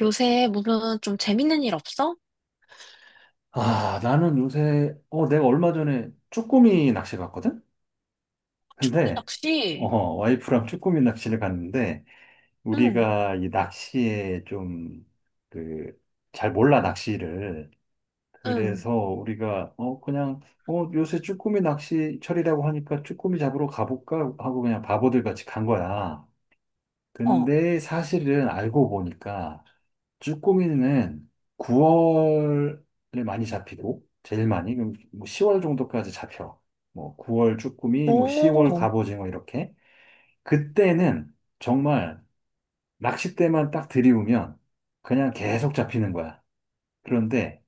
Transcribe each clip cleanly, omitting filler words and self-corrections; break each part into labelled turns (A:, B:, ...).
A: 요새 무슨 좀 재밌는 일 없어?
B: 아, 나는 요새 내가 얼마 전에 쭈꾸미 낚시 갔거든?
A: 호기
B: 근데
A: 낚시.
B: 와이프랑 쭈꾸미 낚시를 갔는데,
A: 응,
B: 우리가 이 낚시에 좀, 그, 잘 몰라, 낚시를.
A: 응,
B: 그래서 우리가 그냥, 요새 쭈꾸미 낚시철이라고 하니까 쭈꾸미 잡으러 가볼까 하고 그냥 바보들 같이 간 거야.
A: 어,
B: 근데 사실은 알고 보니까, 쭈꾸미는 9월에 많이 잡히고, 제일 많이, 그럼 뭐 10월 정도까지 잡혀. 뭐 9월 쭈꾸미, 뭐 10월
A: 오,
B: 갑오징어 이렇게. 그때는 정말 낚싯대만 딱 들이우면 그냥 계속 잡히는 거야. 그런데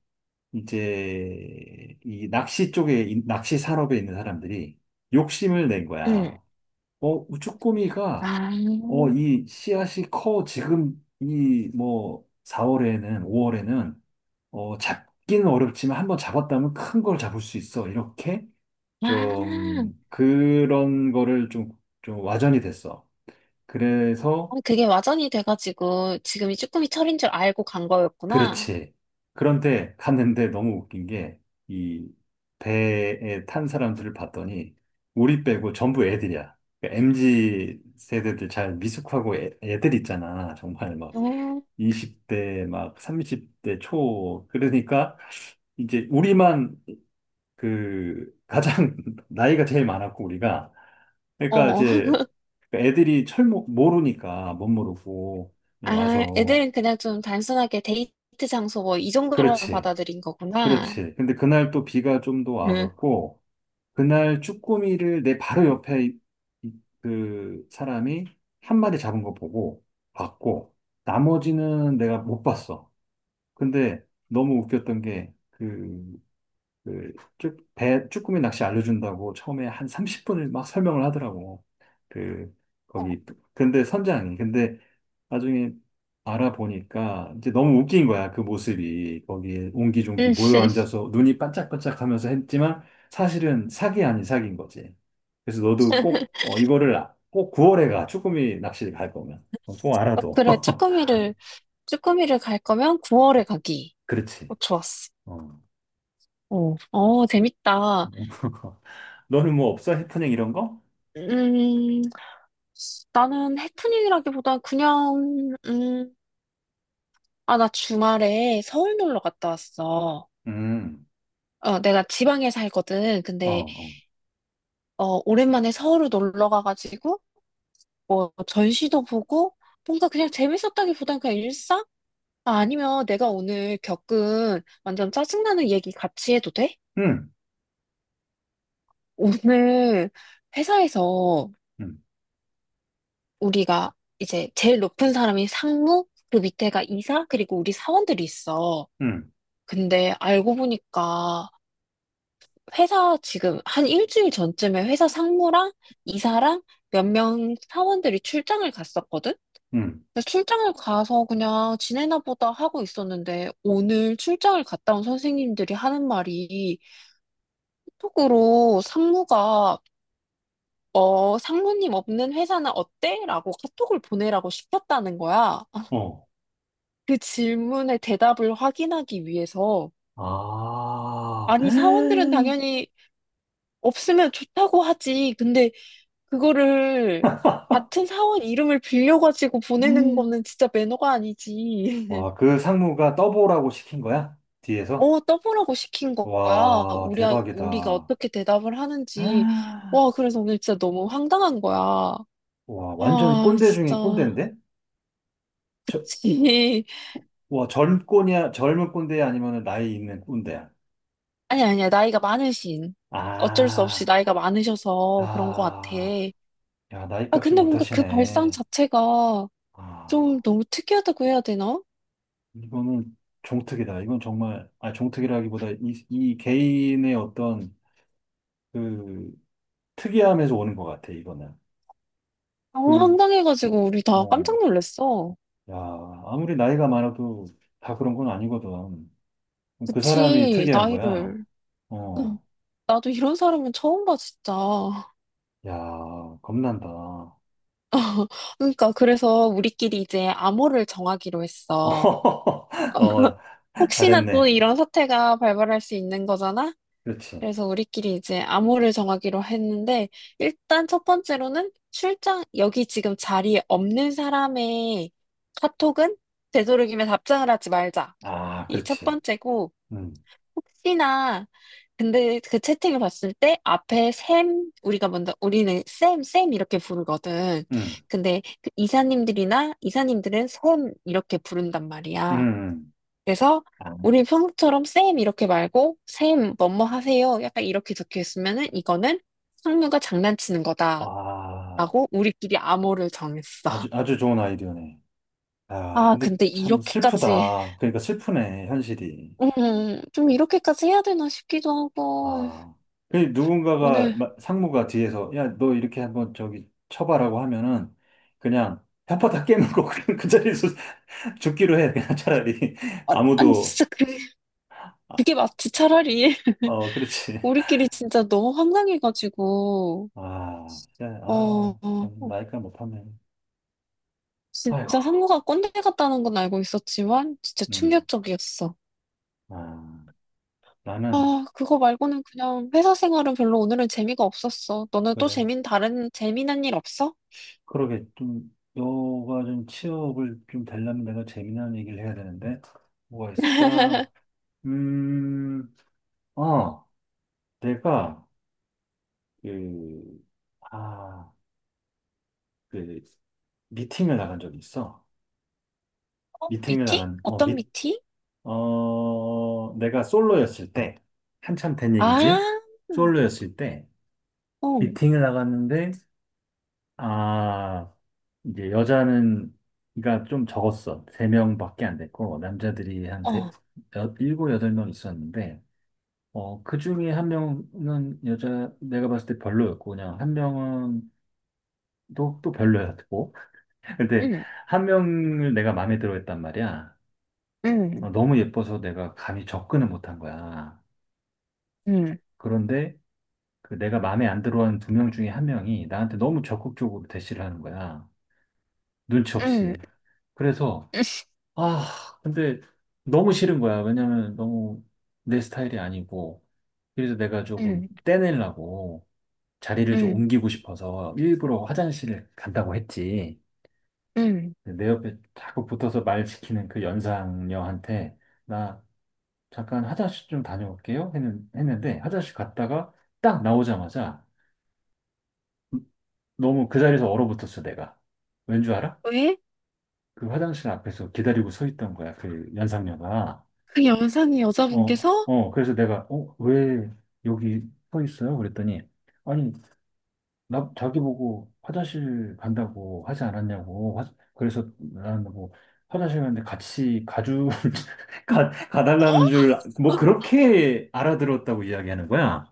B: 이제 이 낚시 산업에 있는 사람들이 욕심을 낸
A: 응.
B: 거야. 쭈꾸미가,
A: 아,
B: 이 씨앗이 커. 지금 이 뭐 4월에는, 5월에는 잡기는 어렵지만 한번 잡았다면 큰 걸 잡을 수 있어. 이렇게
A: 아,
B: 좀 그런 거를 좀 와전이 됐어.
A: 아,
B: 그래서
A: 그게 와전이 돼가지고 지금이 쭈꾸미 철인 줄 알고 간 거였구나.
B: 그렇지. 그런데 갔는데 너무 웃긴 게 이 배에 탄 사람들을 봤더니 우리 빼고 전부 애들이야. 그러니까 MZ 세대들 잘 미숙하고 애들 있잖아. 정말 막
A: 응!
B: 20대 막 30대 초. 그러니까 이제 우리만 그 가장 나이가 제일 많았고, 우리가, 그러니까
A: 어,
B: 이제 애들이 철모 모르니까 못 모르고
A: 아,
B: 와서.
A: 애들은 그냥 좀 단순하게 데이트 장소 뭐 이 정도로
B: 그렇지,
A: 받아들인 거구나.
B: 그렇지. 근데 그날 또 비가 좀 더
A: 응,
B: 와갖고, 그날 쭈꾸미를 내 바로 옆에 이- 그 사람이 한 마리 잡은 거 보고 봤고, 나머지는 내가 못 봤어. 근데 너무 웃겼던 게그 그, 쭈꾸미 낚시 알려준다고 처음에 한 30분을 막 설명을 하더라고. 그,
A: 어,
B: 거기, 근데 선장이. 근데 나중에 알아보니까 이제 너무 웃긴 거야, 그 모습이. 거기에 옹기종기
A: 응.
B: 모여 앉아서 눈이 반짝반짝 하면서 했지만 사실은 사기 아닌 사기인 거지. 그래서 너도 꼭, 이거를 꼭 9월에 쭈꾸미 낚시를 갈 거면, 꼭
A: 어,
B: 알아둬.
A: 그래, 쭈꾸미를, 쭈꾸미를 갈 거면 9월에 가기.
B: 그렇지.
A: 어, 좋았어.
B: 어.
A: 어, 어, 재밌다.
B: 너는 뭐 없어? 해프닝 이런 거?
A: 음, 나는 해프닝이라기보단 그냥, 아, 나 주말에 서울 놀러 갔다 왔어.
B: 음.
A: 어, 내가 지방에 살거든.
B: 어,
A: 근데,
B: 어.
A: 어, 오랜만에 서울을 놀러 가가지고, 뭐, 전시도 보고, 뭔가 그냥 재밌었다기보단 그냥 일상? 아, 아니면 내가 오늘 겪은 완전 짜증나는 얘기 같이 해도 돼?
B: 응,
A: 오늘 회사에서
B: 응,
A: 우리가 이제 제일 높은 사람이 상무, 그 밑에가 이사, 그리고 우리 사원들이 있어.
B: 응,
A: 근데 알고 보니까 회사 지금 한 일주일 전쯤에 회사 상무랑 이사랑 몇 명 사원들이 출장을 갔었거든?
B: 응,
A: 근데 출장을 가서 그냥 지내나 보다 하고 있었는데 오늘 출장을 갔다 온 선생님들이 하는 말이 카톡으로 상무가 어, 상무님 없는 회사는 어때? 라고 카톡을 보내라고 시켰다는 거야.
B: 어.
A: 그 질문에 대답을 확인하기 위해서
B: 아,
A: 아니 사원들은 당연히 없으면 좋다고 하지. 근데 그거를 같은 사원 이름을 빌려가지고 보내는 거는 진짜 매너가 아니지.
B: 와, 그 상무가 떠보라고 시킨 거야? 뒤에서?
A: 어, 떠보라고 시킨 거야.
B: 와,
A: 우리, 우리가
B: 대박이다.
A: 어떻게 대답을 하는지.
B: 아,
A: 와, 그래서 오늘 진짜 너무 황당한 거야.
B: 와, 완전
A: 아,
B: 꼰대 중에
A: 진짜.
B: 꼰대인데? 저,
A: 그치.
B: 와, 젊은 꼰대야? 아니면 나이 있는 꼰대야?
A: 아니, 아니야. 나이가 많으신. 어쩔 수 없이
B: 아,
A: 나이가 많으셔서 그런 것 같아.
B: 아, 야, 나이
A: 아,
B: 값을
A: 근데
B: 못
A: 뭔가 그 발상
B: 하시네.
A: 자체가 좀
B: 아,
A: 너무 특이하다고 해야 되나?
B: 이거는 종특이다. 이건 정말, 종특이라기보다 이 개인의 어떤 그 특이함에서 오는 것 같아, 이거는.
A: 너무
B: 그,
A: 황당해가지고 우리 다
B: 어,
A: 깜짝 놀랐어.
B: 야, 아무리 나이가 많아도 다 그런 건 아니거든. 그 사람이
A: 그치,
B: 특이한 거야.
A: 나이를. 응.
B: 어,
A: 나도 이런 사람은 처음 봐, 진짜.
B: 야, 겁난다.
A: 그러니까, 그래서 우리끼리 이제 암호를 정하기로 했어.
B: 어,
A: 혹시나 또
B: 잘했네.
A: 이런 사태가 발발할 수 있는 거잖아?
B: 그렇지.
A: 그래서 우리끼리 이제 암호를 정하기로 했는데, 일단 첫 번째로는 출장, 여기 지금 자리에 없는 사람의 카톡은 되도록이면 답장을 하지 말자.
B: 아,
A: 이게 첫
B: 그렇지.
A: 번째고,
B: 음,
A: 혹시나 근데 그 채팅을 봤을 때 앞에 샘 우리가 먼저 우리는 쌤, 쌤 이렇게 부르거든.
B: 음,
A: 근데 그 이사님들이나 이사님들은 쌤 이렇게 부른단 말이야.
B: 음.
A: 그래서
B: 아,
A: 우리 평소처럼 쌤 이렇게 말고 쌤 뭐뭐 하세요. 약간 이렇게 적혀 있으면은 이거는 상무가 장난치는 거다라고
B: 아,
A: 우리끼리 암호를 정했어.
B: 아주, 아주 좋은 아이디어네. 아,
A: 아,
B: 근데
A: 근데
B: 참
A: 이렇게까지
B: 슬프다. 그러니까 슬프네, 현실이.
A: 좀 이렇게까지 해야 되나 싶기도 하고
B: 아, 그 누군가가
A: 오늘
B: 상무가 뒤에서, 야, 너 이렇게 한번 저기 쳐봐라고 하면은 그냥 편파 다 깨는 거 그냥 그 자리에서 죽기로 해 그냥 차라리.
A: 아, 아니
B: 아무도.
A: 진짜
B: 아,
A: 그게 맞지, 차라리.
B: 어, 그렇지.
A: 우리끼리 진짜 너무 황당해가지고,
B: 아, 진짜,
A: 어,
B: 아
A: 어,
B: 참,
A: 어.
B: 나이가 못하네. 아이고.
A: 진짜 상무가 꼰대 같다는 건 알고 있었지만, 진짜
B: 음,
A: 충격적이었어.
B: 아 나는.
A: 아, 그거 말고는 그냥 회사 생활은 별로 오늘은 재미가 없었어. 너는 또
B: 그래,
A: 재민, 다른, 재미난 일 없어?
B: 그러게 좀 너가 좀 취업을 좀 되려면 내가 재미난 얘기를 해야 되는데 뭐가 있을까? 음, 어 내가 그 아, 그, 미팅을 나간 적이 있어.
A: 어,
B: 미팅을
A: 미팅?
B: 나간, 어,
A: 어떤
B: 미,
A: 미팅?
B: 어, 내가 솔로였을 때, 한참 된
A: 아,
B: 얘기지? 솔로였을 때
A: 어,
B: 미팅을 나갔는데, 아, 이제 여자는 그좀 적었어. 세 명밖에 안 됐고, 남자들이
A: 어,
B: 일곱, 여덟 명 있었는데, 그 중에 한 명은 여자, 내가 봤을 때 별로였고, 그냥 한 명은 또 별로였고, 근데
A: 응,
B: 한 명을 내가 마음에 들어 했단 말이야.
A: 응,
B: 너무 예뻐서 내가 감히 접근을 못한 거야.
A: 응,
B: 그런데 내가 마음에 안 들어 한 두 명 중에 한 명이 나한테 너무 적극적으로 대시를 하는 거야, 눈치
A: 응,
B: 없이. 그래서, 아, 근데 너무 싫은 거야. 왜냐면 너무 내 스타일이 아니고. 그래서 내가 조금
A: 응,
B: 떼내려고 자리를 좀
A: 응,
B: 옮기고 싶어서 일부러 화장실을 간다고 했지.
A: 응.
B: 내 옆에 자꾸 붙어서 말 시키는 그 연상녀한테 "나 잠깐 화장실 좀 다녀올게요." 했는데 화장실 갔다가 딱 나오자마자 너무 그 자리에서 얼어붙었어, 내가. 왠 줄 알아?
A: 왜?
B: 그 화장실 앞에서 기다리고 서 있던 거야, 그 연상녀가.
A: 그 영상이 여자분께서
B: 그래서 내가, "왜 여기 서 있어요?" 그랬더니, 아니, 자기 보고 화장실 간다고 하지 않았냐고. 그래서 나는 뭐 화장실 갔는데 같이 가달라는 줄, 뭐, 그렇게 알아들었다고 이야기하는 거야.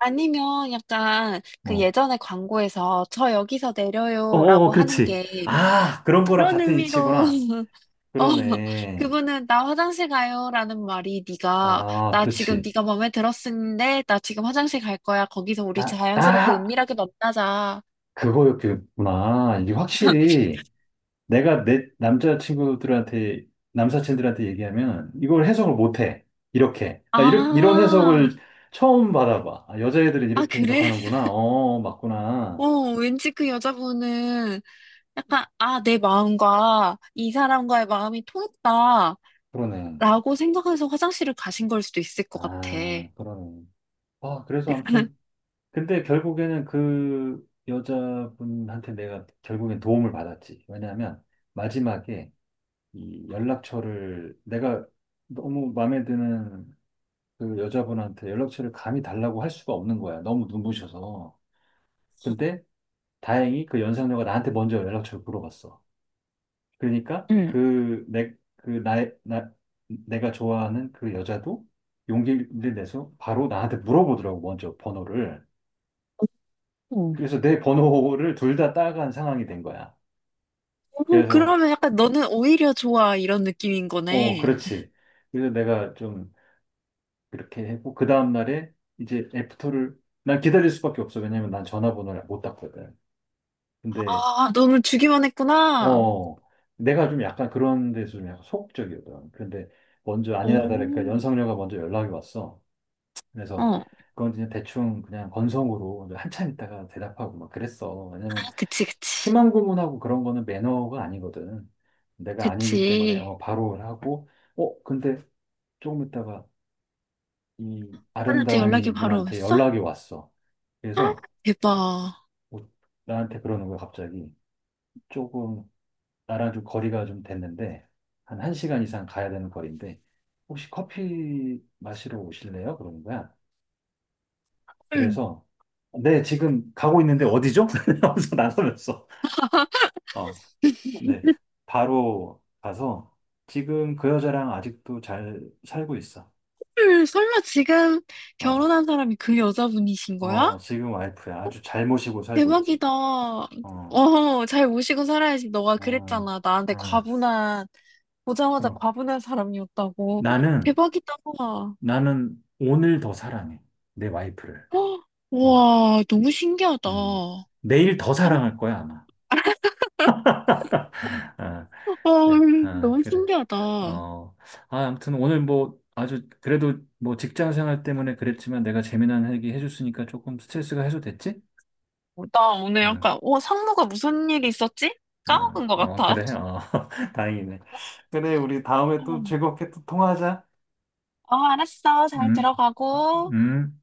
A: 아니면 약간 그
B: 어.
A: 예전에 광고에서 저 여기서
B: 어, 어,
A: 내려요라고 하는
B: 그렇지.
A: 게
B: 아, 그런 거랑
A: 그런
B: 같은
A: 의미로
B: 이치구나.
A: 어
B: 그러네.
A: 그분은 나 화장실 가요라는 말이 네가
B: 아,
A: 나 지금
B: 그렇지.
A: 네가 마음에 들었는데 나 지금 화장실 갈 거야 거기서 우리
B: 아,
A: 자연스럽고
B: 아,
A: 은밀하게 만나자
B: 그거였구나. 이게 확실히 내가 내 남자친구들한테, 남사친들한테 얘기하면 이걸 해석을 못해, 이렇게. 나 이런
A: 아,
B: 해석을 처음 받아봐. 아, 여자애들은
A: 아,
B: 이렇게
A: 그래?
B: 해석하는구나.
A: 어,
B: 맞구나.
A: 왠지 그 여자분은 약간, 아, 내 마음과 이 사람과의 마음이 통했다라고
B: 그러네.
A: 생각해서 화장실을 가신 걸 수도 있을 것 같아.
B: 아, 그러네. 아, 그래서 아무튼. 근데 결국에는 그 여자분한테 내가 결국엔 도움을 받았지. 왜냐하면 마지막에 이 연락처를, 내가 너무 마음에 드는 그 여자분한테 연락처를 감히 달라고 할 수가 없는 거야, 너무 눈부셔서. 근데 다행히 그 연상녀가 나한테 먼저 연락처를 물어봤어. 그러니까 그 내, 그 나의, 나, 내가 좋아하는 그 여자도 용기를 내서 바로 나한테 물어보더라고, 먼저 번호를.
A: 어.
B: 그래서 내 번호를 둘 다 따간 상황이 된 거야.
A: 어,
B: 그래서,
A: 그러면 약간 너는 오히려 좋아 이런 느낌인 거네.
B: 그렇지. 그래서 내가 좀 그렇게 했고, 그 다음날에 이제 난 기다릴 수밖에 없어. 왜냐면 난 전화번호를 못 땄거든. 근데,
A: 아, 너는 주기만 했구나.
B: 어, 내가 좀 약간 그런 데서 좀 약간 소극적이거든. 근데 먼저, 아니나 다를까,
A: 오,
B: 연상녀가 먼저 연락이 왔어. 그래서
A: 어,
B: 그건 그냥 대충 그냥 건성으로 한참 있다가 대답하고 막 그랬어.
A: 아,
B: 왜냐면
A: 그치, 그치,
B: 심한 구문하고 그런 거는 매너가 아니거든. 내가 아니기 때문에,
A: 그치.
B: 바로 하고. 근데 조금 있다가 이
A: 아빠한테 연락이
B: 아름다운
A: 바로
B: 분한테
A: 왔어?
B: 연락이 왔어.
A: 아,
B: 그래서
A: 대박.
B: 뭐 나한테 그러는 거야 갑자기. 조금 나랑 좀 거리가 좀 됐는데, 한 1시간 이상 가야 되는 거리인데, "혹시 커피 마시러 오실래요?" 그러는 거야.
A: 헐,
B: 그래서 "네, 지금 가고 있는데 어디죠?" 하면서 나서면서, 어, 네, 바로 가서 지금 그 여자랑 아직도 잘 살고 있어.
A: 헐, 설마 지금
B: 어,
A: 결혼한 사람이 그 여자분이신 거야?
B: 어, 지금 와이프야. 아주 잘 모시고 살고 있지.
A: 대박이다.
B: 어,
A: 어, 잘 모시고 살아야지. 너가
B: 어,
A: 그랬잖아. 나한테
B: 어.
A: 과분한, 보자마자
B: 그럼
A: 과분한 사람이었다고.
B: 나는,
A: 대박이다.
B: 나는 오늘 더 사랑해, 내 와이프를.
A: 헉,
B: 어,
A: 우와, 너무 신기하다.
B: 음. 내일 더 사랑할 거야, 아마. 아,
A: 어,
B: 네, 아,
A: 너무
B: 그래.
A: 신기하다. 어,
B: 어, 아무튼 오늘 뭐 아주 그래도 뭐 직장 생활 때문에 그랬지만 내가 재미난 얘기 해줬으니까 조금 스트레스가 해소됐지?
A: 나 오늘
B: 응.
A: 약간, 어, 상무가 무슨 일이 있었지? 까먹은
B: 응.
A: 것
B: 어, 어,
A: 같아.
B: 그래. 어, 다행이네. 그래, 우리 다음에 또
A: 어,
B: 즐겁게 또 통화하자.
A: 어, 알았어. 잘
B: 응,
A: 들어가고.
B: 응.